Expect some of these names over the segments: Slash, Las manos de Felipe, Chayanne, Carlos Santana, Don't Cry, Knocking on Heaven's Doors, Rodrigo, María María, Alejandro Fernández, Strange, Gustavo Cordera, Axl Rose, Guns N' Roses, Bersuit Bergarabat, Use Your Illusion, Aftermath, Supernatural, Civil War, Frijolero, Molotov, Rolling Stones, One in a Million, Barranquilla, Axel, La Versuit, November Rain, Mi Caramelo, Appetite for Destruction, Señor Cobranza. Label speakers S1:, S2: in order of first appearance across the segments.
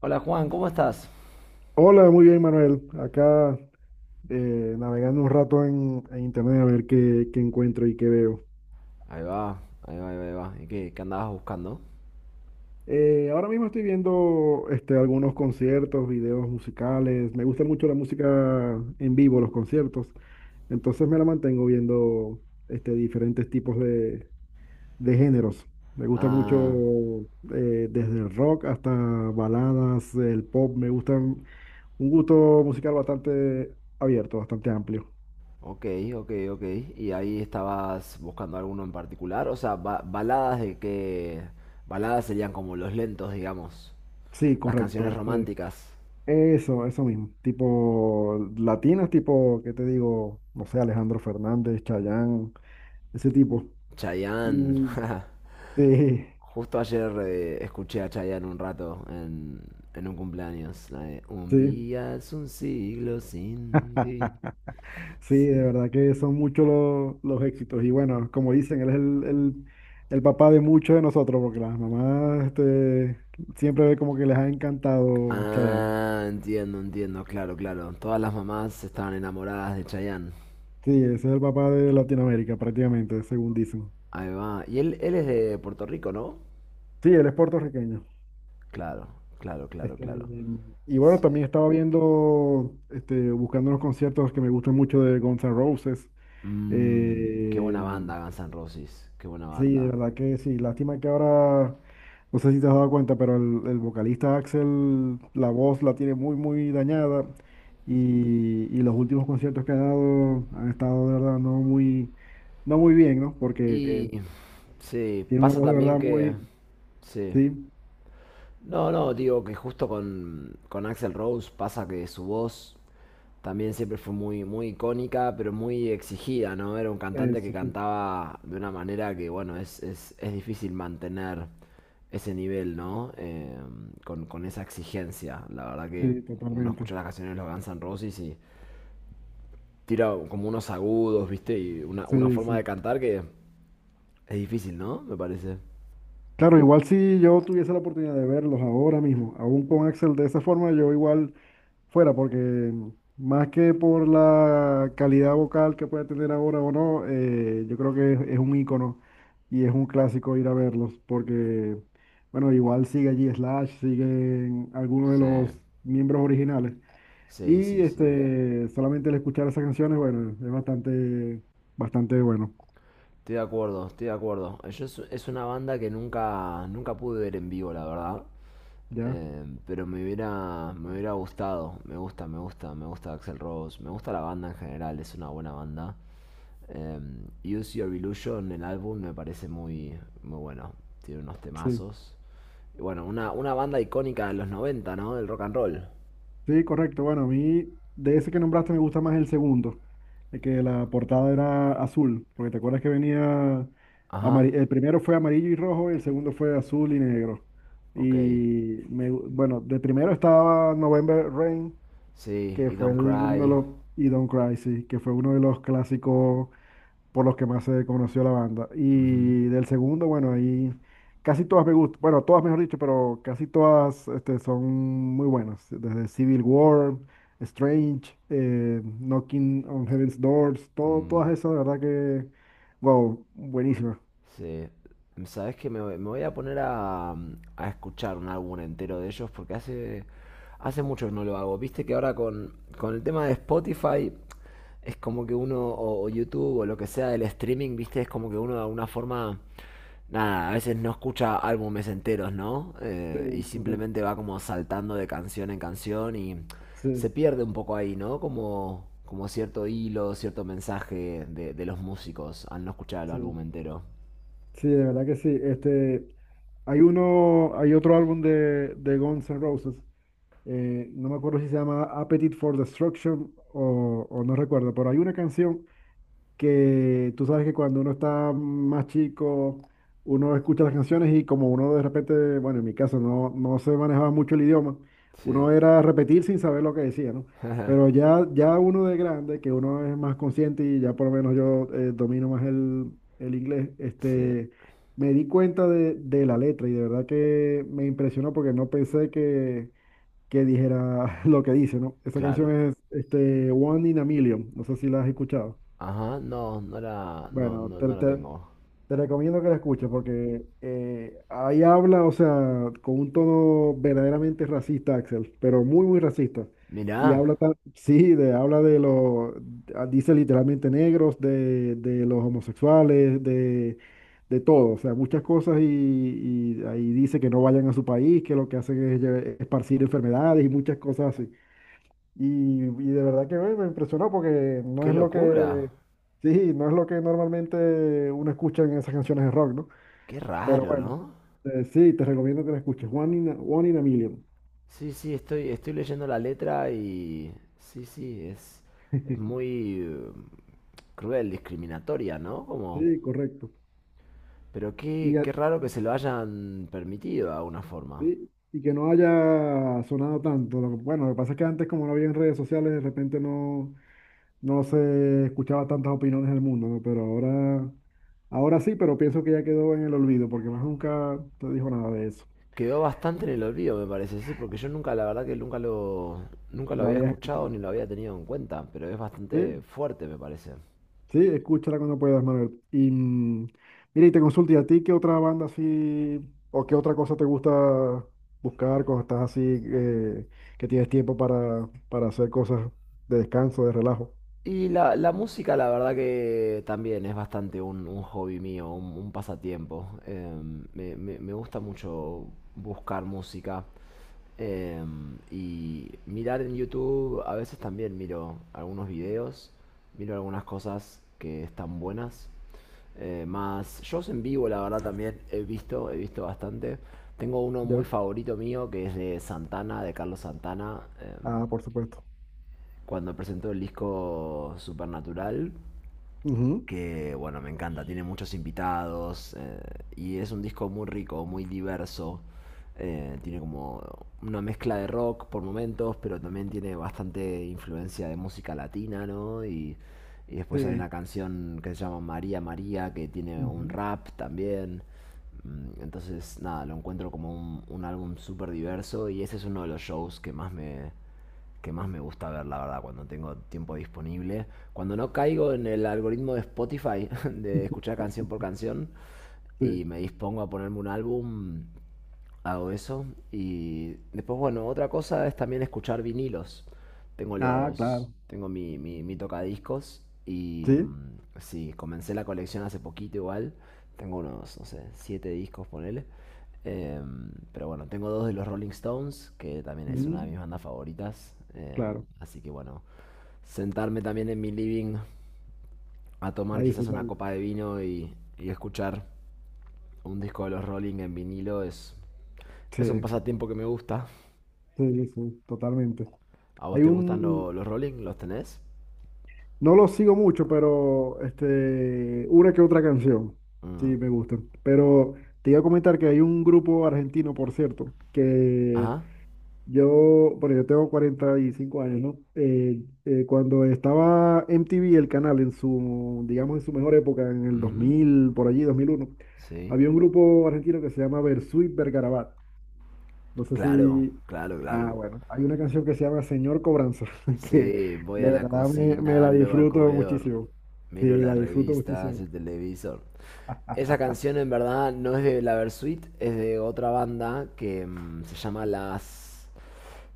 S1: Hola Juan, ¿cómo estás?
S2: Hola, muy bien, Manuel. Acá navegando un rato en internet a ver qué encuentro y qué veo.
S1: Ahí va, ahí va, ahí va, ahí va. ¿Y qué andabas buscando?
S2: Ahora mismo estoy viendo algunos conciertos, videos musicales. Me gusta mucho la música en vivo, los conciertos. Entonces me la mantengo viendo diferentes tipos de géneros. Me gusta mucho
S1: Ah,
S2: desde el rock hasta baladas, el pop. Me gustan un gusto musical bastante abierto, bastante amplio.
S1: ok, ok, ok. ¿Y ahí estabas buscando alguno en particular? O sea, baladas de qué. Baladas serían como los lentos, digamos.
S2: Sí,
S1: Las
S2: correcto.
S1: canciones románticas.
S2: Eso, eso mismo. Tipo latinos, tipo, ¿qué te digo? No sé, Alejandro Fernández, Chayanne, ese tipo.
S1: Chayanne.
S2: Y sí,
S1: Justo ayer escuché a Chayanne un rato en un cumpleaños. La de, un
S2: sí.
S1: día es un siglo sin ti.
S2: Sí,
S1: Sí,
S2: de
S1: sí, sí.
S2: verdad que son muchos los éxitos. Y bueno, como dicen, él es el papá de muchos de nosotros, porque las mamás siempre como que les ha encantado Chayanne.
S1: Ah, entiendo, entiendo, claro, claro. Todas las mamás estaban enamoradas de Chayanne.
S2: Sí, ese es el papá de Latinoamérica, prácticamente, según dicen.
S1: Ahí va. Y él es de Puerto Rico, ¿no?
S2: Sí, él es puertorriqueño.
S1: Claro, claro, claro,
S2: Este,
S1: claro.
S2: y bueno,
S1: Sí.
S2: también estaba viendo, buscando unos conciertos que me gustan mucho de Guns N' Roses.
S1: Mm, qué
S2: Eh,
S1: buena banda, Guns N' Roses. Qué buena
S2: sí, de
S1: banda.
S2: verdad que sí. Lástima que ahora, no sé si te has dado cuenta, pero el vocalista Axel, la voz la tiene muy, muy dañada. Y los últimos conciertos que ha dado han estado de verdad no muy bien, ¿no? Porque
S1: Y sí,
S2: tiene una
S1: pasa
S2: voz de
S1: también
S2: verdad
S1: que.
S2: muy,
S1: Sí.
S2: sí,
S1: No, no, digo que justo con Axl Rose pasa que su voz también siempre fue muy, muy icónica, pero muy exigida, ¿no? Era un cantante que
S2: sí, sí,
S1: cantaba de una manera que, bueno, es difícil mantener ese nivel, ¿no? Con esa exigencia. La verdad que
S2: sí,
S1: uno
S2: totalmente.
S1: escucha las canciones de los Guns N' Roses y tira como unos agudos, ¿viste? Y una
S2: Sí,
S1: forma de
S2: sí.
S1: cantar que es difícil, ¿no? Me parece.
S2: Claro, igual si yo tuviese la oportunidad de verlos ahora mismo, aún con Axel de esa forma, yo igual fuera, porque más que por la calidad vocal que puede tener ahora o no, yo creo que es un ícono y es un clásico ir a verlos, porque, bueno, igual sigue allí Slash, siguen algunos de
S1: Sí,
S2: los miembros originales.
S1: sí,
S2: Y
S1: sí, sí.
S2: solamente el escuchar esas canciones, bueno, es bastante, bastante bueno,
S1: Estoy de acuerdo, estoy de acuerdo. Yo es una banda que nunca, nunca pude ver en vivo, la verdad.
S2: ¿ya?
S1: Pero me hubiera gustado. Me gusta, me gusta, me gusta Axel Rose. Me gusta la banda en general, es una buena banda. Eh, Use Your Illusion, el álbum, me parece muy, muy bueno. Tiene unos
S2: Sí.
S1: temazos. Y bueno, una banda icónica de los noventa, ¿no? Del rock and roll.
S2: Sí, correcto. Bueno, a mí de ese que nombraste me gusta más el segundo, de que la portada era azul, porque te acuerdas que venía
S1: Ajá,
S2: el primero fue amarillo y rojo, y el segundo fue azul y negro.
S1: ok.
S2: Y bueno, de primero estaba November Rain,
S1: Sí,
S2: que
S1: y
S2: fue
S1: Don't
S2: uno de
S1: Cry.
S2: los, y Don't Cry, sí, que fue uno de los clásicos por los que más se conoció la banda.
S1: Ujú.
S2: Y del segundo, bueno, ahí casi todas me gustan, bueno, todas mejor dicho, pero casi todas son muy buenas, desde Civil War, Strange, Knocking on Heaven's Doors, todo,
S1: Mm.
S2: todas esas, de verdad que, wow, buenísimas.
S1: Sí. Sabes que me voy a poner a escuchar un álbum entero de ellos porque hace, hace mucho que no lo hago. Viste que ahora con el tema de Spotify es como que uno, o YouTube o lo que sea del streaming, viste, es como que uno de alguna forma, nada, a veces no escucha álbumes enteros, ¿no?
S2: Sí,
S1: Y
S2: correcto.
S1: simplemente va como saltando de canción en canción y se
S2: Sí,
S1: pierde un poco ahí, ¿no? Como, como cierto hilo, cierto mensaje de los músicos al no escuchar el álbum
S2: sí.
S1: entero.
S2: Sí, de verdad que sí. Hay otro álbum de Guns N' Roses. No me acuerdo si se llama Appetite for Destruction o no recuerdo, pero hay una canción que tú sabes que cuando uno está más chico, uno escucha las canciones y como uno de repente, bueno, en mi caso no se manejaba mucho el idioma,
S1: Sí.
S2: uno era repetir sin saber lo que decía, ¿no? Pero ya uno de grande, que uno es más consciente y ya por lo menos yo domino más el inglés,
S1: Sí,
S2: me di cuenta de la letra y de verdad que me impresionó porque no pensé que dijera lo que dice, ¿no? Esa canción
S1: claro.
S2: es One in a Million, no sé si la has escuchado.
S1: Ajá,
S2: Bueno,
S1: no
S2: te,
S1: la
S2: te-
S1: tengo.
S2: te recomiendo que la escuches porque ahí habla, o sea, con un tono verdaderamente racista, Axel, pero muy, muy racista. Y
S1: Mirá,
S2: habla, sí, de, habla de los, ah, dice literalmente negros, de los homosexuales, de todo, o sea, muchas cosas y ahí dice que no vayan a su país, que lo que hacen es esparcir enfermedades y muchas cosas así. Y de verdad que bueno, me impresionó porque no
S1: qué
S2: es lo
S1: locura.
S2: que, sí, no es lo que normalmente uno escucha en esas canciones de rock, ¿no?
S1: Qué
S2: Pero
S1: raro,
S2: bueno,
S1: ¿no?
S2: sí, te recomiendo que la escuches. One in a Million.
S1: Sí, sí, estoy, estoy leyendo la letra y. Sí, sí, es muy cruel, discriminatoria, ¿no? Como.
S2: Sí, correcto.
S1: Pero
S2: Y,
S1: qué,
S2: a-
S1: qué raro que se lo hayan permitido de alguna forma.
S2: sí, y que no haya sonado tanto. Bueno, lo que pasa es que antes, como no había en redes sociales, de repente no se escuchaba tantas opiniones del mundo, ¿no? Pero ahora sí, pero pienso que ya quedó en el olvido porque más nunca te dijo nada de eso.
S1: Quedó bastante en el olvido, me parece, sí, porque yo nunca, la verdad que nunca nunca lo
S2: Lo
S1: había
S2: habías
S1: escuchado
S2: escuchado.
S1: ni lo había tenido en cuenta, pero es bastante
S2: ¿Sí?
S1: fuerte, me parece.
S2: Sí, escúchala cuando puedas, Manuel. Y mira, y te consulto, ¿y a ti qué otra banda así, o qué otra cosa te gusta buscar cuando estás así, que tienes tiempo para hacer cosas de descanso, de relajo?
S1: Y la música, la verdad que también es bastante un hobby mío, un pasatiempo. Me gusta mucho buscar música y mirar en YouTube. A veces también miro algunos videos, miro algunas cosas que están buenas. Más shows en vivo, la verdad también he visto bastante. Tengo uno muy
S2: ¿Ya?
S1: favorito mío que es de Santana, de Carlos Santana.
S2: Ah, por supuesto.
S1: Cuando presentó el disco Supernatural,
S2: Ujú,
S1: que bueno, me encanta, tiene muchos invitados y es un disco muy rico, muy diverso. Tiene como una mezcla de rock por momentos, pero también tiene bastante influencia de música latina, ¿no? Y después hay
S2: sí.
S1: una canción que se llama María María, que tiene un
S2: Ujú,
S1: rap también. Mm, entonces, nada, lo encuentro como un álbum súper diverso y ese es uno de los shows que más que más me gusta ver, la verdad, cuando tengo tiempo disponible. Cuando no caigo en el algoritmo de Spotify de escuchar canción por canción y
S2: sí.
S1: me dispongo a ponerme un álbum, hago eso. Y después, bueno, otra cosa es también escuchar vinilos.
S2: Ah, claro.
S1: Tengo mi, mi, mi tocadiscos y
S2: Sí.
S1: mm, sí, comencé la colección hace poquito igual. Tengo unos, no sé, siete discos, ponele. Pero bueno, tengo dos de los Rolling Stones, que también es una de mis
S2: Mm,
S1: bandas favoritas.
S2: claro.
S1: Así que bueno, sentarme también en mi living a tomar
S2: Ahí
S1: quizás una
S2: disfrutarlo.
S1: copa de vino y escuchar un disco de los Rolling en vinilo es un
S2: Sí,
S1: pasatiempo que me gusta.
S2: sí, sí, totalmente.
S1: ¿A vos
S2: Hay
S1: te gustan
S2: un,
S1: los rolling? ¿Los tenés?
S2: No lo sigo mucho, pero una que otra canción. Sí,
S1: Mm.
S2: me gusta. Pero te iba a comentar que hay un grupo argentino, por cierto, que
S1: Ajá.
S2: yo, bueno, yo tengo 45 años, ¿no? Cuando estaba MTV, el canal, en su, digamos, en su mejor época, en el dos
S1: Ujú.
S2: mil por allí, 2001
S1: Sí.
S2: había un grupo argentino que se llama Versuit Vergarabat. No sé
S1: Claro,
S2: si...
S1: claro,
S2: Ah,
S1: claro.
S2: bueno, hay una canción que se llama Señor Cobranza, que
S1: Sí, voy a
S2: de
S1: la
S2: verdad me
S1: cocina,
S2: la
S1: luego al
S2: disfruto
S1: comedor.
S2: muchísimo. Sí,
S1: Miro
S2: la
S1: las
S2: disfruto
S1: revistas,
S2: muchísimo.
S1: el televisor. Esa canción en verdad no es de La Versuit, es de otra banda que se llama Las.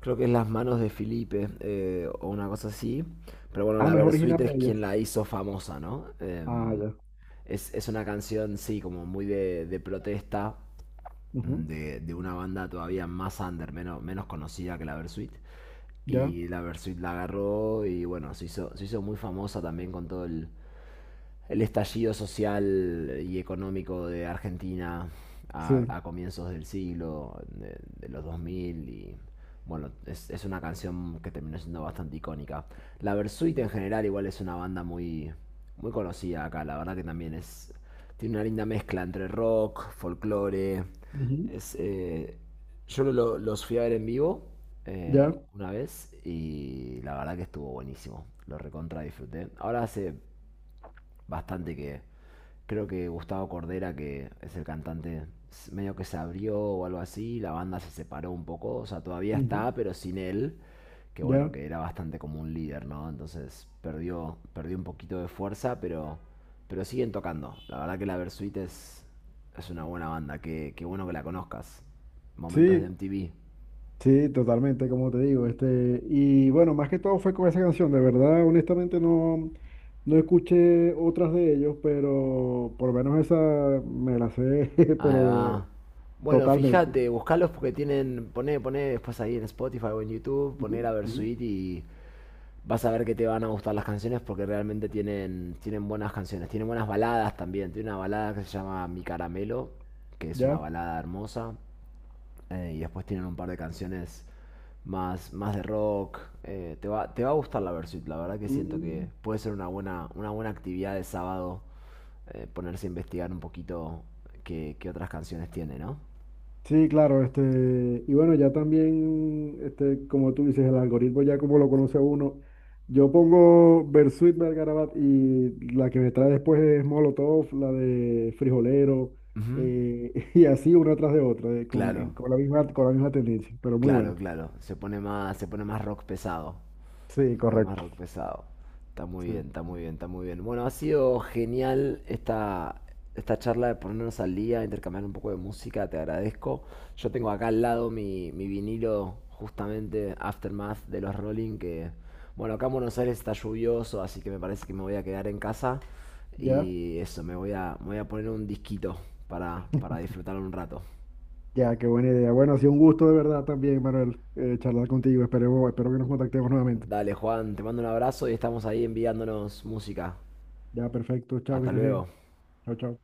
S1: Creo que es Las manos de Felipe o una cosa así. Pero bueno,
S2: Ah,
S1: la
S2: no es original
S1: Versuite
S2: de
S1: es quien
S2: ellos.
S1: la hizo famosa, ¿no?
S2: Ah, ya.
S1: Es una canción, sí, como muy de protesta
S2: Ujú,
S1: de una banda todavía más under, menos, menos conocida que la Versuit.
S2: ya,
S1: Y la Versuit la agarró y bueno, se hizo muy famosa también con todo el estallido social y económico de Argentina
S2: sí.
S1: a comienzos del siglo, de los 2000 y bueno, es, una canción que terminó siendo bastante icónica. La Versuit en general igual es una banda muy, muy conocida acá, la verdad que también es. Tiene una linda mezcla entre rock, folclore.
S2: Ujú,
S1: Es, yo los fui a ver en vivo eh,
S2: ya,
S1: una vez y la verdad que estuvo buenísimo. Lo recontra disfruté. Ahora hace bastante que creo que Gustavo Cordera, que es el cantante, medio que se abrió o algo así, la banda se separó un poco, o sea, todavía
S2: ujú,
S1: está, pero sin él, que bueno,
S2: ya.
S1: que era bastante como un líder, ¿no? Entonces perdió, perdió un poquito de fuerza, pero siguen tocando. La verdad que la Versuit es una buena banda, qué qué bueno que la conozcas. Momentos de
S2: Sí,
S1: MTV.
S2: sí, totalmente, como te digo. Y bueno, más que todo fue con esa canción. De verdad, honestamente, no escuché otras de ellos, pero por lo menos esa me la sé,
S1: Ahí
S2: pero
S1: va. Bueno,
S2: totalmente.
S1: fíjate, buscalos porque tienen, poné, poné después ahí en Spotify o en YouTube, poné
S2: Ujú,
S1: la
S2: ujú.
S1: Versuit y vas a ver que te van a gustar las canciones porque realmente tienen, tienen buenas canciones, tienen buenas baladas también. Tiene una balada que se llama Mi Caramelo, que es una
S2: ¿Ya?
S1: balada hermosa, y después tienen un par de canciones más, más de rock. Te va, te va a gustar la Versuit, la verdad que siento que
S2: Mm,
S1: puede ser una buena actividad de sábado, ponerse a investigar un poquito qué otras canciones tiene, ¿no?
S2: sí, claro, y bueno, ya también, como tú dices, el algoritmo ya como lo conoce uno, yo pongo Bersuit Bergarabat y la que me trae después es Molotov, la de Frijolero,
S1: Ujú.
S2: y así una tras de otra, con,
S1: Claro,
S2: en- con la misma, con la misma tendencia, pero muy
S1: claro,
S2: bueno.
S1: claro. Se pone más rock pesado.
S2: Sí,
S1: Poner más
S2: correcto.
S1: rock pesado. Está muy
S2: Sí.
S1: bien, está muy bien, está muy bien. Bueno, ha sido genial esta, esta charla de ponernos al día, intercambiar un poco de música, te agradezco. Yo tengo acá al lado mi, mi vinilo, justamente Aftermath de los Rolling, que, bueno, acá en Buenos Aires está lluvioso, así que me parece que me voy a quedar en casa.
S2: Ya,
S1: Y eso, me voy a poner un disquito para disfrutar un rato.
S2: ya, qué buena idea. Bueno, ha sido un gusto de verdad también, Manuel, charlar contigo. Espero que nos contactemos nuevamente.
S1: Dale, Juan, te mando un abrazo y estamos ahí enviándonos música.
S2: Ya, perfecto. Chao, que
S1: Hasta
S2: estés bien.
S1: luego.
S2: Chao, chao.